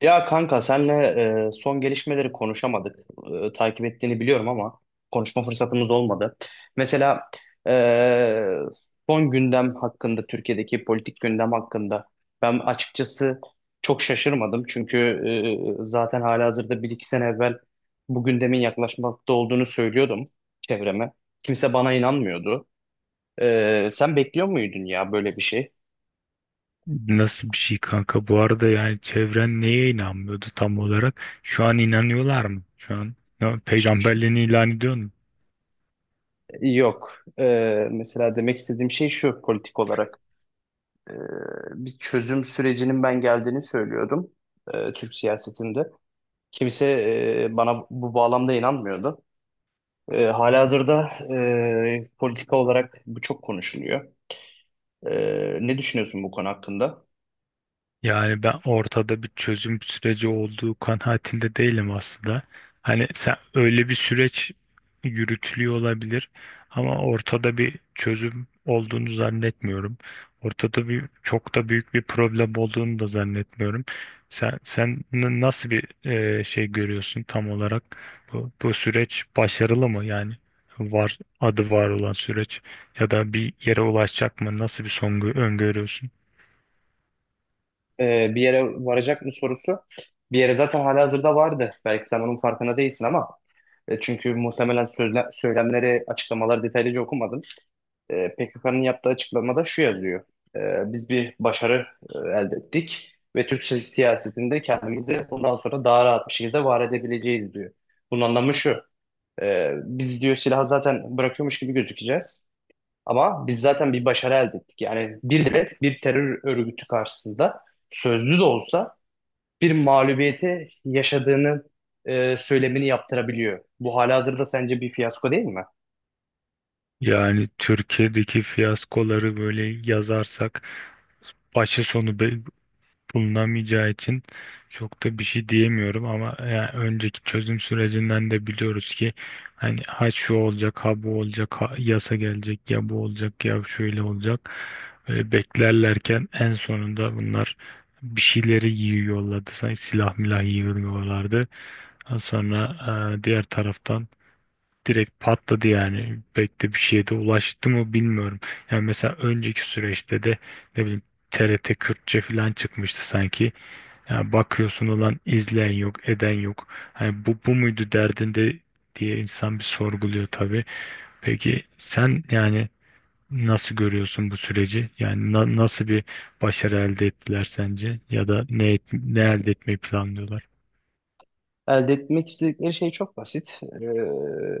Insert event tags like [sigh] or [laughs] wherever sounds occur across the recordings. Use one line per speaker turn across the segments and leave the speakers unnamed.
Ya kanka senle son gelişmeleri konuşamadık. Takip ettiğini biliyorum ama konuşma fırsatımız olmadı. Mesela e, son gündem hakkında, Türkiye'deki politik gündem hakkında ben açıkçası çok şaşırmadım. Çünkü zaten halihazırda bir iki sene evvel bu gündemin yaklaşmakta olduğunu söylüyordum çevreme. Kimse bana inanmıyordu. Sen bekliyor muydun ya böyle bir şey?
Nasıl bir şey kanka? Bu arada yani çevren neye inanmıyordu tam olarak? Şu an inanıyorlar mı? Şu an peygamberliğini ilan ediyor mu?
Yok. E, Mesela demek istediğim şey şu politik olarak. e, Bir çözüm sürecinin ben geldiğini söylüyordum Türk siyasetinde. Kimse bana bu bağlamda inanmıyordu. Halihazırda politika olarak bu çok konuşuluyor. Ne düşünüyorsun bu konu hakkında?
Yani ben ortada bir çözüm süreci olduğu kanaatinde değilim aslında. Hani sen öyle bir süreç yürütülüyor olabilir ama ortada bir çözüm olduğunu zannetmiyorum. Ortada bir çok da büyük bir problem olduğunu da zannetmiyorum. Sen nasıl bir şey görüyorsun tam olarak? Bu süreç başarılı mı yani? Var adı var olan süreç ya da bir yere ulaşacak mı? Nasıl bir son öngörüyorsun?
Bir yere varacak mı sorusu, bir yere zaten halihazırda vardı. Belki sen onun farkına değilsin ama çünkü muhtemelen söylemleri, açıklamaları detaylıca okumadın. PKK'nın yaptığı açıklamada şu yazıyor. Biz bir başarı elde ettik ve Türk siyasetinde kendimizi bundan sonra daha rahat bir şekilde var edebileceğiz diyor. Bunun anlamı şu. Biz diyor silahı zaten bırakıyormuş gibi gözükeceğiz. Ama biz zaten bir başarı elde ettik. Yani bir devlet, bir terör örgütü karşısında sözlü de olsa bir mağlubiyeti yaşadığını söylemini yaptırabiliyor. Bu halihazırda sence bir fiyasko değil mi?
Yani Türkiye'deki fiyaskoları böyle yazarsak başı sonu bulunamayacağı için çok da bir şey diyemiyorum ama yani önceki çözüm sürecinden de biliyoruz ki hani ha şu olacak ha bu olacak ha yasa gelecek ya bu olacak ya şöyle olacak böyle beklerlerken en sonunda bunlar bir şeyleri yiyor yolladı sanki silah milah yiyorlardı, sonra diğer taraftan direkt patladı yani. Pek de bir şeye de ulaştı mı bilmiyorum. Yani mesela önceki süreçte de ne bileyim TRT Kürtçe falan çıkmıştı sanki. Yani bakıyorsun olan izleyen yok, eden yok. Hani bu muydu derdinde diye insan bir sorguluyor tabii. Peki sen yani nasıl görüyorsun bu süreci? Yani nasıl bir başarı elde ettiler sence? Ya da ne, ne elde etmeyi planlıyorlar?
Elde etmek istedikleri şey çok basit.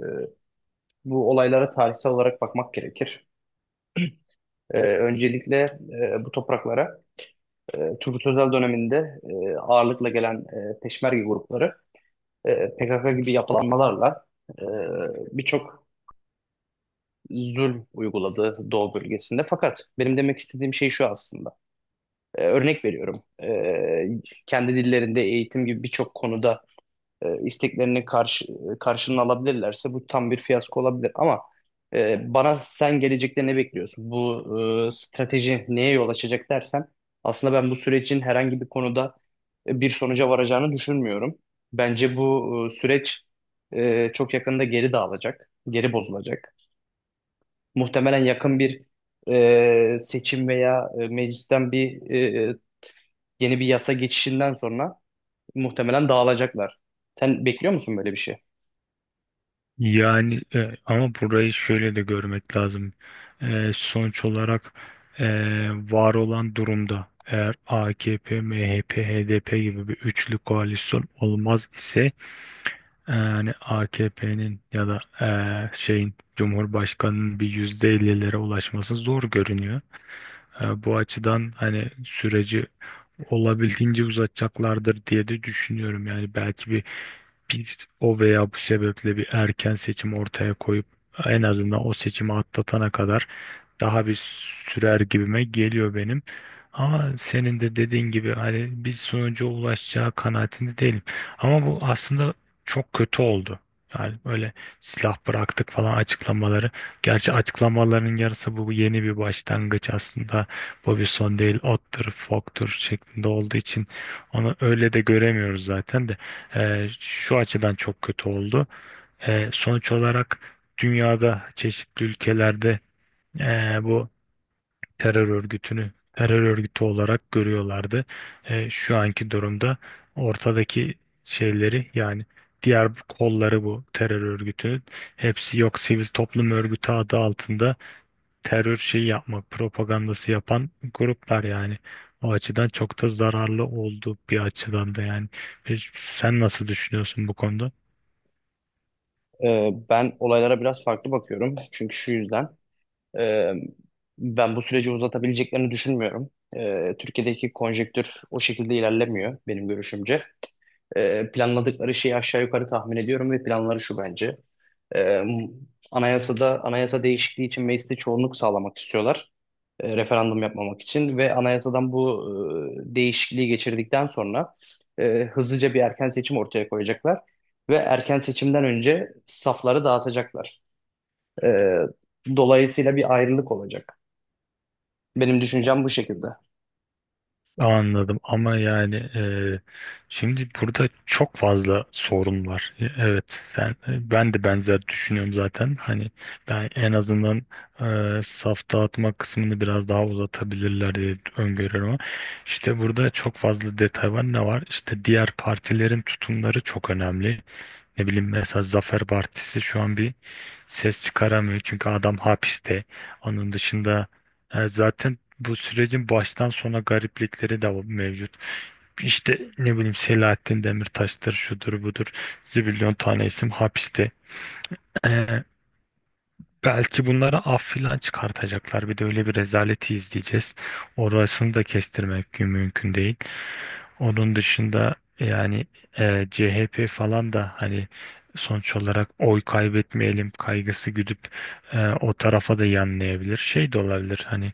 Bu olaylara tarihsel olarak bakmak gerekir. Öncelikle bu topraklara Turgut Özal döneminde ağırlıkla gelen peşmerge grupları PKK gibi yapılanmalarla e, birçok zulm uyguladı Doğu bölgesinde. Fakat benim demek istediğim şey şu aslında. Örnek veriyorum. Kendi dillerinde eğitim gibi birçok konuda isteklerini karşılığını alabilirlerse bu tam bir fiyasko olabilir. Ama bana sen gelecekte ne bekliyorsun? Bu strateji neye yol açacak dersen aslında ben bu sürecin herhangi bir konuda bir sonuca varacağını düşünmüyorum. Bence bu süreç çok yakında geri dağılacak, geri bozulacak. Muhtemelen yakın bir seçim veya meclisten bir yeni bir yasa geçişinden sonra muhtemelen dağılacaklar. Sen bekliyor musun böyle bir şey?
Yani ama burayı şöyle de görmek lazım. Sonuç olarak e, var olan durumda eğer AKP, MHP, HDP gibi bir üçlü koalisyon olmaz ise, yani AKP'nin ya da şeyin Cumhurbaşkanının bir %50'lere ulaşması zor görünüyor. Bu açıdan hani süreci olabildiğince uzatacaklardır diye de düşünüyorum. Yani belki bir biz o veya bu sebeple bir erken seçim ortaya koyup en azından o seçimi atlatana kadar daha bir sürer gibime geliyor benim. Ama senin de dediğin gibi hani bir sonuca ulaşacağı kanaatinde değilim. Ama bu aslında çok kötü oldu. Yani böyle silah bıraktık falan açıklamaları. Gerçi açıklamaların yarısı bu yeni bir başlangıç aslında. Bu bir son değil, ottur, foktur şeklinde olduğu için onu öyle de göremiyoruz zaten de. Şu açıdan çok kötü oldu. Sonuç olarak dünyada çeşitli ülkelerde bu terör örgütünü terör örgütü olarak görüyorlardı. Şu anki durumda ortadaki şeyleri, yani diğer kolları bu terör örgütünün, hepsi yok sivil toplum örgütü adı altında terör şeyi yapmak propagandası yapan gruplar yani. O açıdan çok da zararlı oldu bir açıdan da yani. E, Sen nasıl düşünüyorsun bu konuda?
Ben olaylara biraz farklı bakıyorum. Çünkü şu yüzden e, ben bu süreci uzatabileceklerini düşünmüyorum. Türkiye'deki konjektür o şekilde ilerlemiyor benim görüşümce. Planladıkları şeyi aşağı yukarı tahmin ediyorum ve planları şu bence. E, Anayasa değişikliği için mecliste çoğunluk sağlamak istiyorlar. Referandum yapmamak için ve anayasadan bu değişikliği geçirdikten sonra hızlıca bir erken seçim ortaya koyacaklar ve erken seçimden önce safları dağıtacaklar. E, Dolayısıyla bir ayrılık olacak. Benim düşüncem bu şekilde.
Anladım ama yani şimdi burada çok fazla sorun var. Evet, sen, ben de benzer düşünüyorum zaten. Hani ben en azından saf dağıtma kısmını biraz daha uzatabilirler diye öngörüyorum ama işte burada çok fazla detay var. Ne var? İşte diğer partilerin tutumları çok önemli. Ne bileyim mesela Zafer Partisi şu an bir ses çıkaramıyor çünkü adam hapiste. Onun dışında zaten bu sürecin baştan sona gariplikleri de mevcut. İşte ne bileyim Selahattin Demirtaş'tır, şudur budur, zibilyon tane isim hapiste. E, Belki bunlara af filan çıkartacaklar. Bir de öyle bir rezaleti izleyeceğiz. Orasını da kestirmek mümkün değil. Onun dışında yani CHP falan da hani sonuç olarak oy kaybetmeyelim kaygısı güdüp o tarafa da yanlayabilir. Şey de olabilir, hani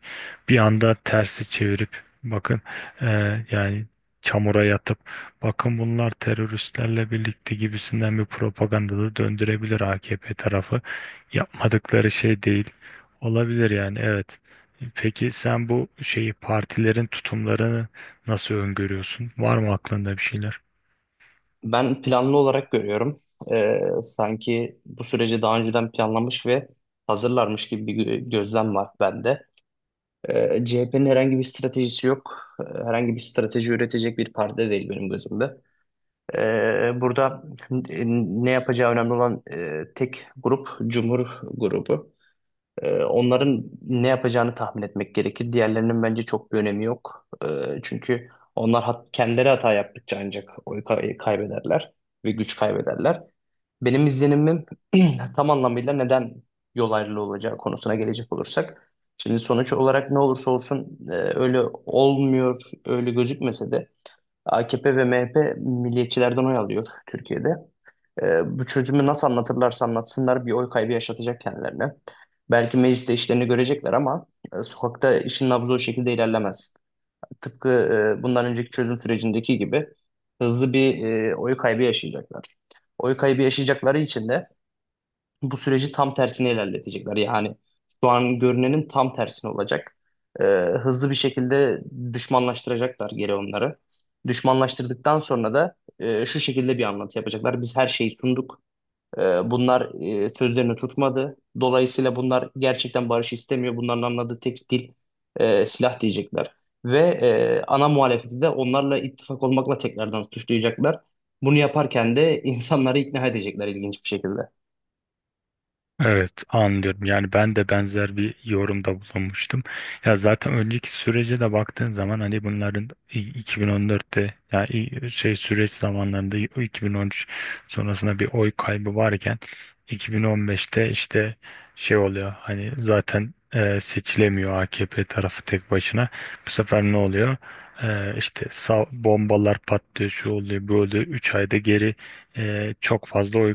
bir anda tersi çevirip bakın, e, yani çamura yatıp bakın bunlar teröristlerle birlikte gibisinden bir propaganda da döndürebilir AKP tarafı, yapmadıkları şey değil. Olabilir yani, evet. Peki sen bu şeyi, partilerin tutumlarını nasıl öngörüyorsun? Var mı aklında bir şeyler?
Ben planlı olarak görüyorum. Sanki bu süreci daha önceden planlamış ve hazırlarmış gibi bir gözlem var bende. CHP'nin herhangi bir stratejisi yok. Herhangi bir strateji üretecek bir parti değil benim gözümde. Burada n- ne yapacağı önemli olan tek grup Cumhur grubu. Onların ne yapacağını tahmin etmek gerekir. Diğerlerinin bence çok bir önemi yok. Çünkü onlar kendileri hata yaptıkça ancak kaybederler ve güç kaybederler. Benim izlenimim [clears throat] tam anlamıyla neden yol ayrılığı olacağı konusuna gelecek olursak. Şimdi sonuç olarak ne olursa olsun öyle olmuyor, öyle gözükmese de AKP ve MHP milliyetçilerden oy alıyor Türkiye'de. Bu çözümü nasıl anlatırlarsa anlatsınlar bir oy kaybı yaşatacak kendilerine. Belki mecliste işlerini görecekler ama sokakta işin nabzı o şekilde ilerlemez. Tıpkı bundan önceki çözüm sürecindeki gibi hızlı bir oy kaybı yaşayacaklar. Oy kaybı yaşayacakları için de bu süreci tam tersine ilerletecekler. Yani şu an görünenin tam tersine olacak. Ee, Hızlı bir şekilde düşmanlaştıracaklar geri onları. Düşmanlaştırdıktan sonra da şu şekilde bir anlatı yapacaklar. Biz her şeyi sunduk. Bunlar sözlerini tutmadı. Dolayısıyla bunlar gerçekten barış istemiyor. Bunların anladığı tek dil silah diyecekler. Ve ana muhalefeti de onlarla ittifak olmakla tekrardan suçlayacaklar. Bunu yaparken de [laughs] insanları ikna edecekler ilginç bir şekilde.
Evet, anlıyorum. Yani ben de benzer bir yorumda bulunmuştum. Ya zaten önceki sürece de baktığın zaman hani bunların 2014'te ya şey süreç zamanlarında 2013 sonrasında bir oy kaybı varken 2015'te işte şey oluyor. Hani zaten seçilemiyor AKP tarafı tek başına. Bu sefer ne oluyor? İşte sağ, bombalar patlıyor, şu oluyor, böyle oluyor. Üç ayda geri çok fazla oy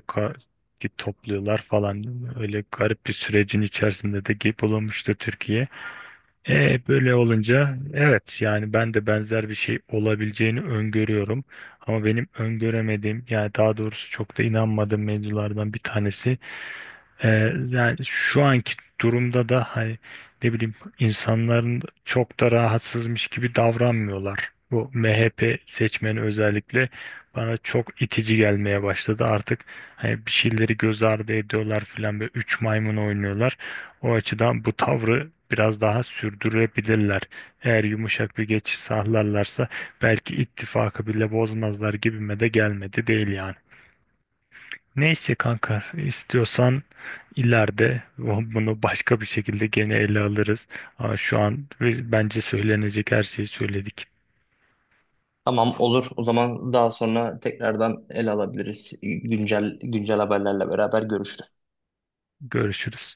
git topluyorlar falan. Öyle garip bir sürecin içerisinde de geyik bulunmuştu Türkiye. Böyle olunca evet yani ben de benzer bir şey olabileceğini öngörüyorum. Ama benim öngöremediğim, yani daha doğrusu çok da inanmadığım mevzulardan bir tanesi, ee, yani şu anki durumda da hani, ne bileyim, insanların çok da rahatsızmış gibi davranmıyorlar. Bu MHP seçmeni özellikle bana çok itici gelmeye başladı. Artık hani bir şeyleri göz ardı ediyorlar filan ve üç maymun oynuyorlar. O açıdan bu tavrı biraz daha sürdürebilirler. Eğer yumuşak bir geçiş sağlarlarsa belki ittifakı bile bozmazlar gibime de gelmedi değil yani. Neyse kanka, istiyorsan ileride bunu başka bir şekilde gene ele alırız. Ama şu an bence söylenecek her şeyi söyledik.
Tamam olur. O zaman daha sonra tekrardan ele alabiliriz. Güncel güncel haberlerle beraber görüşürüz.
Görüşürüz.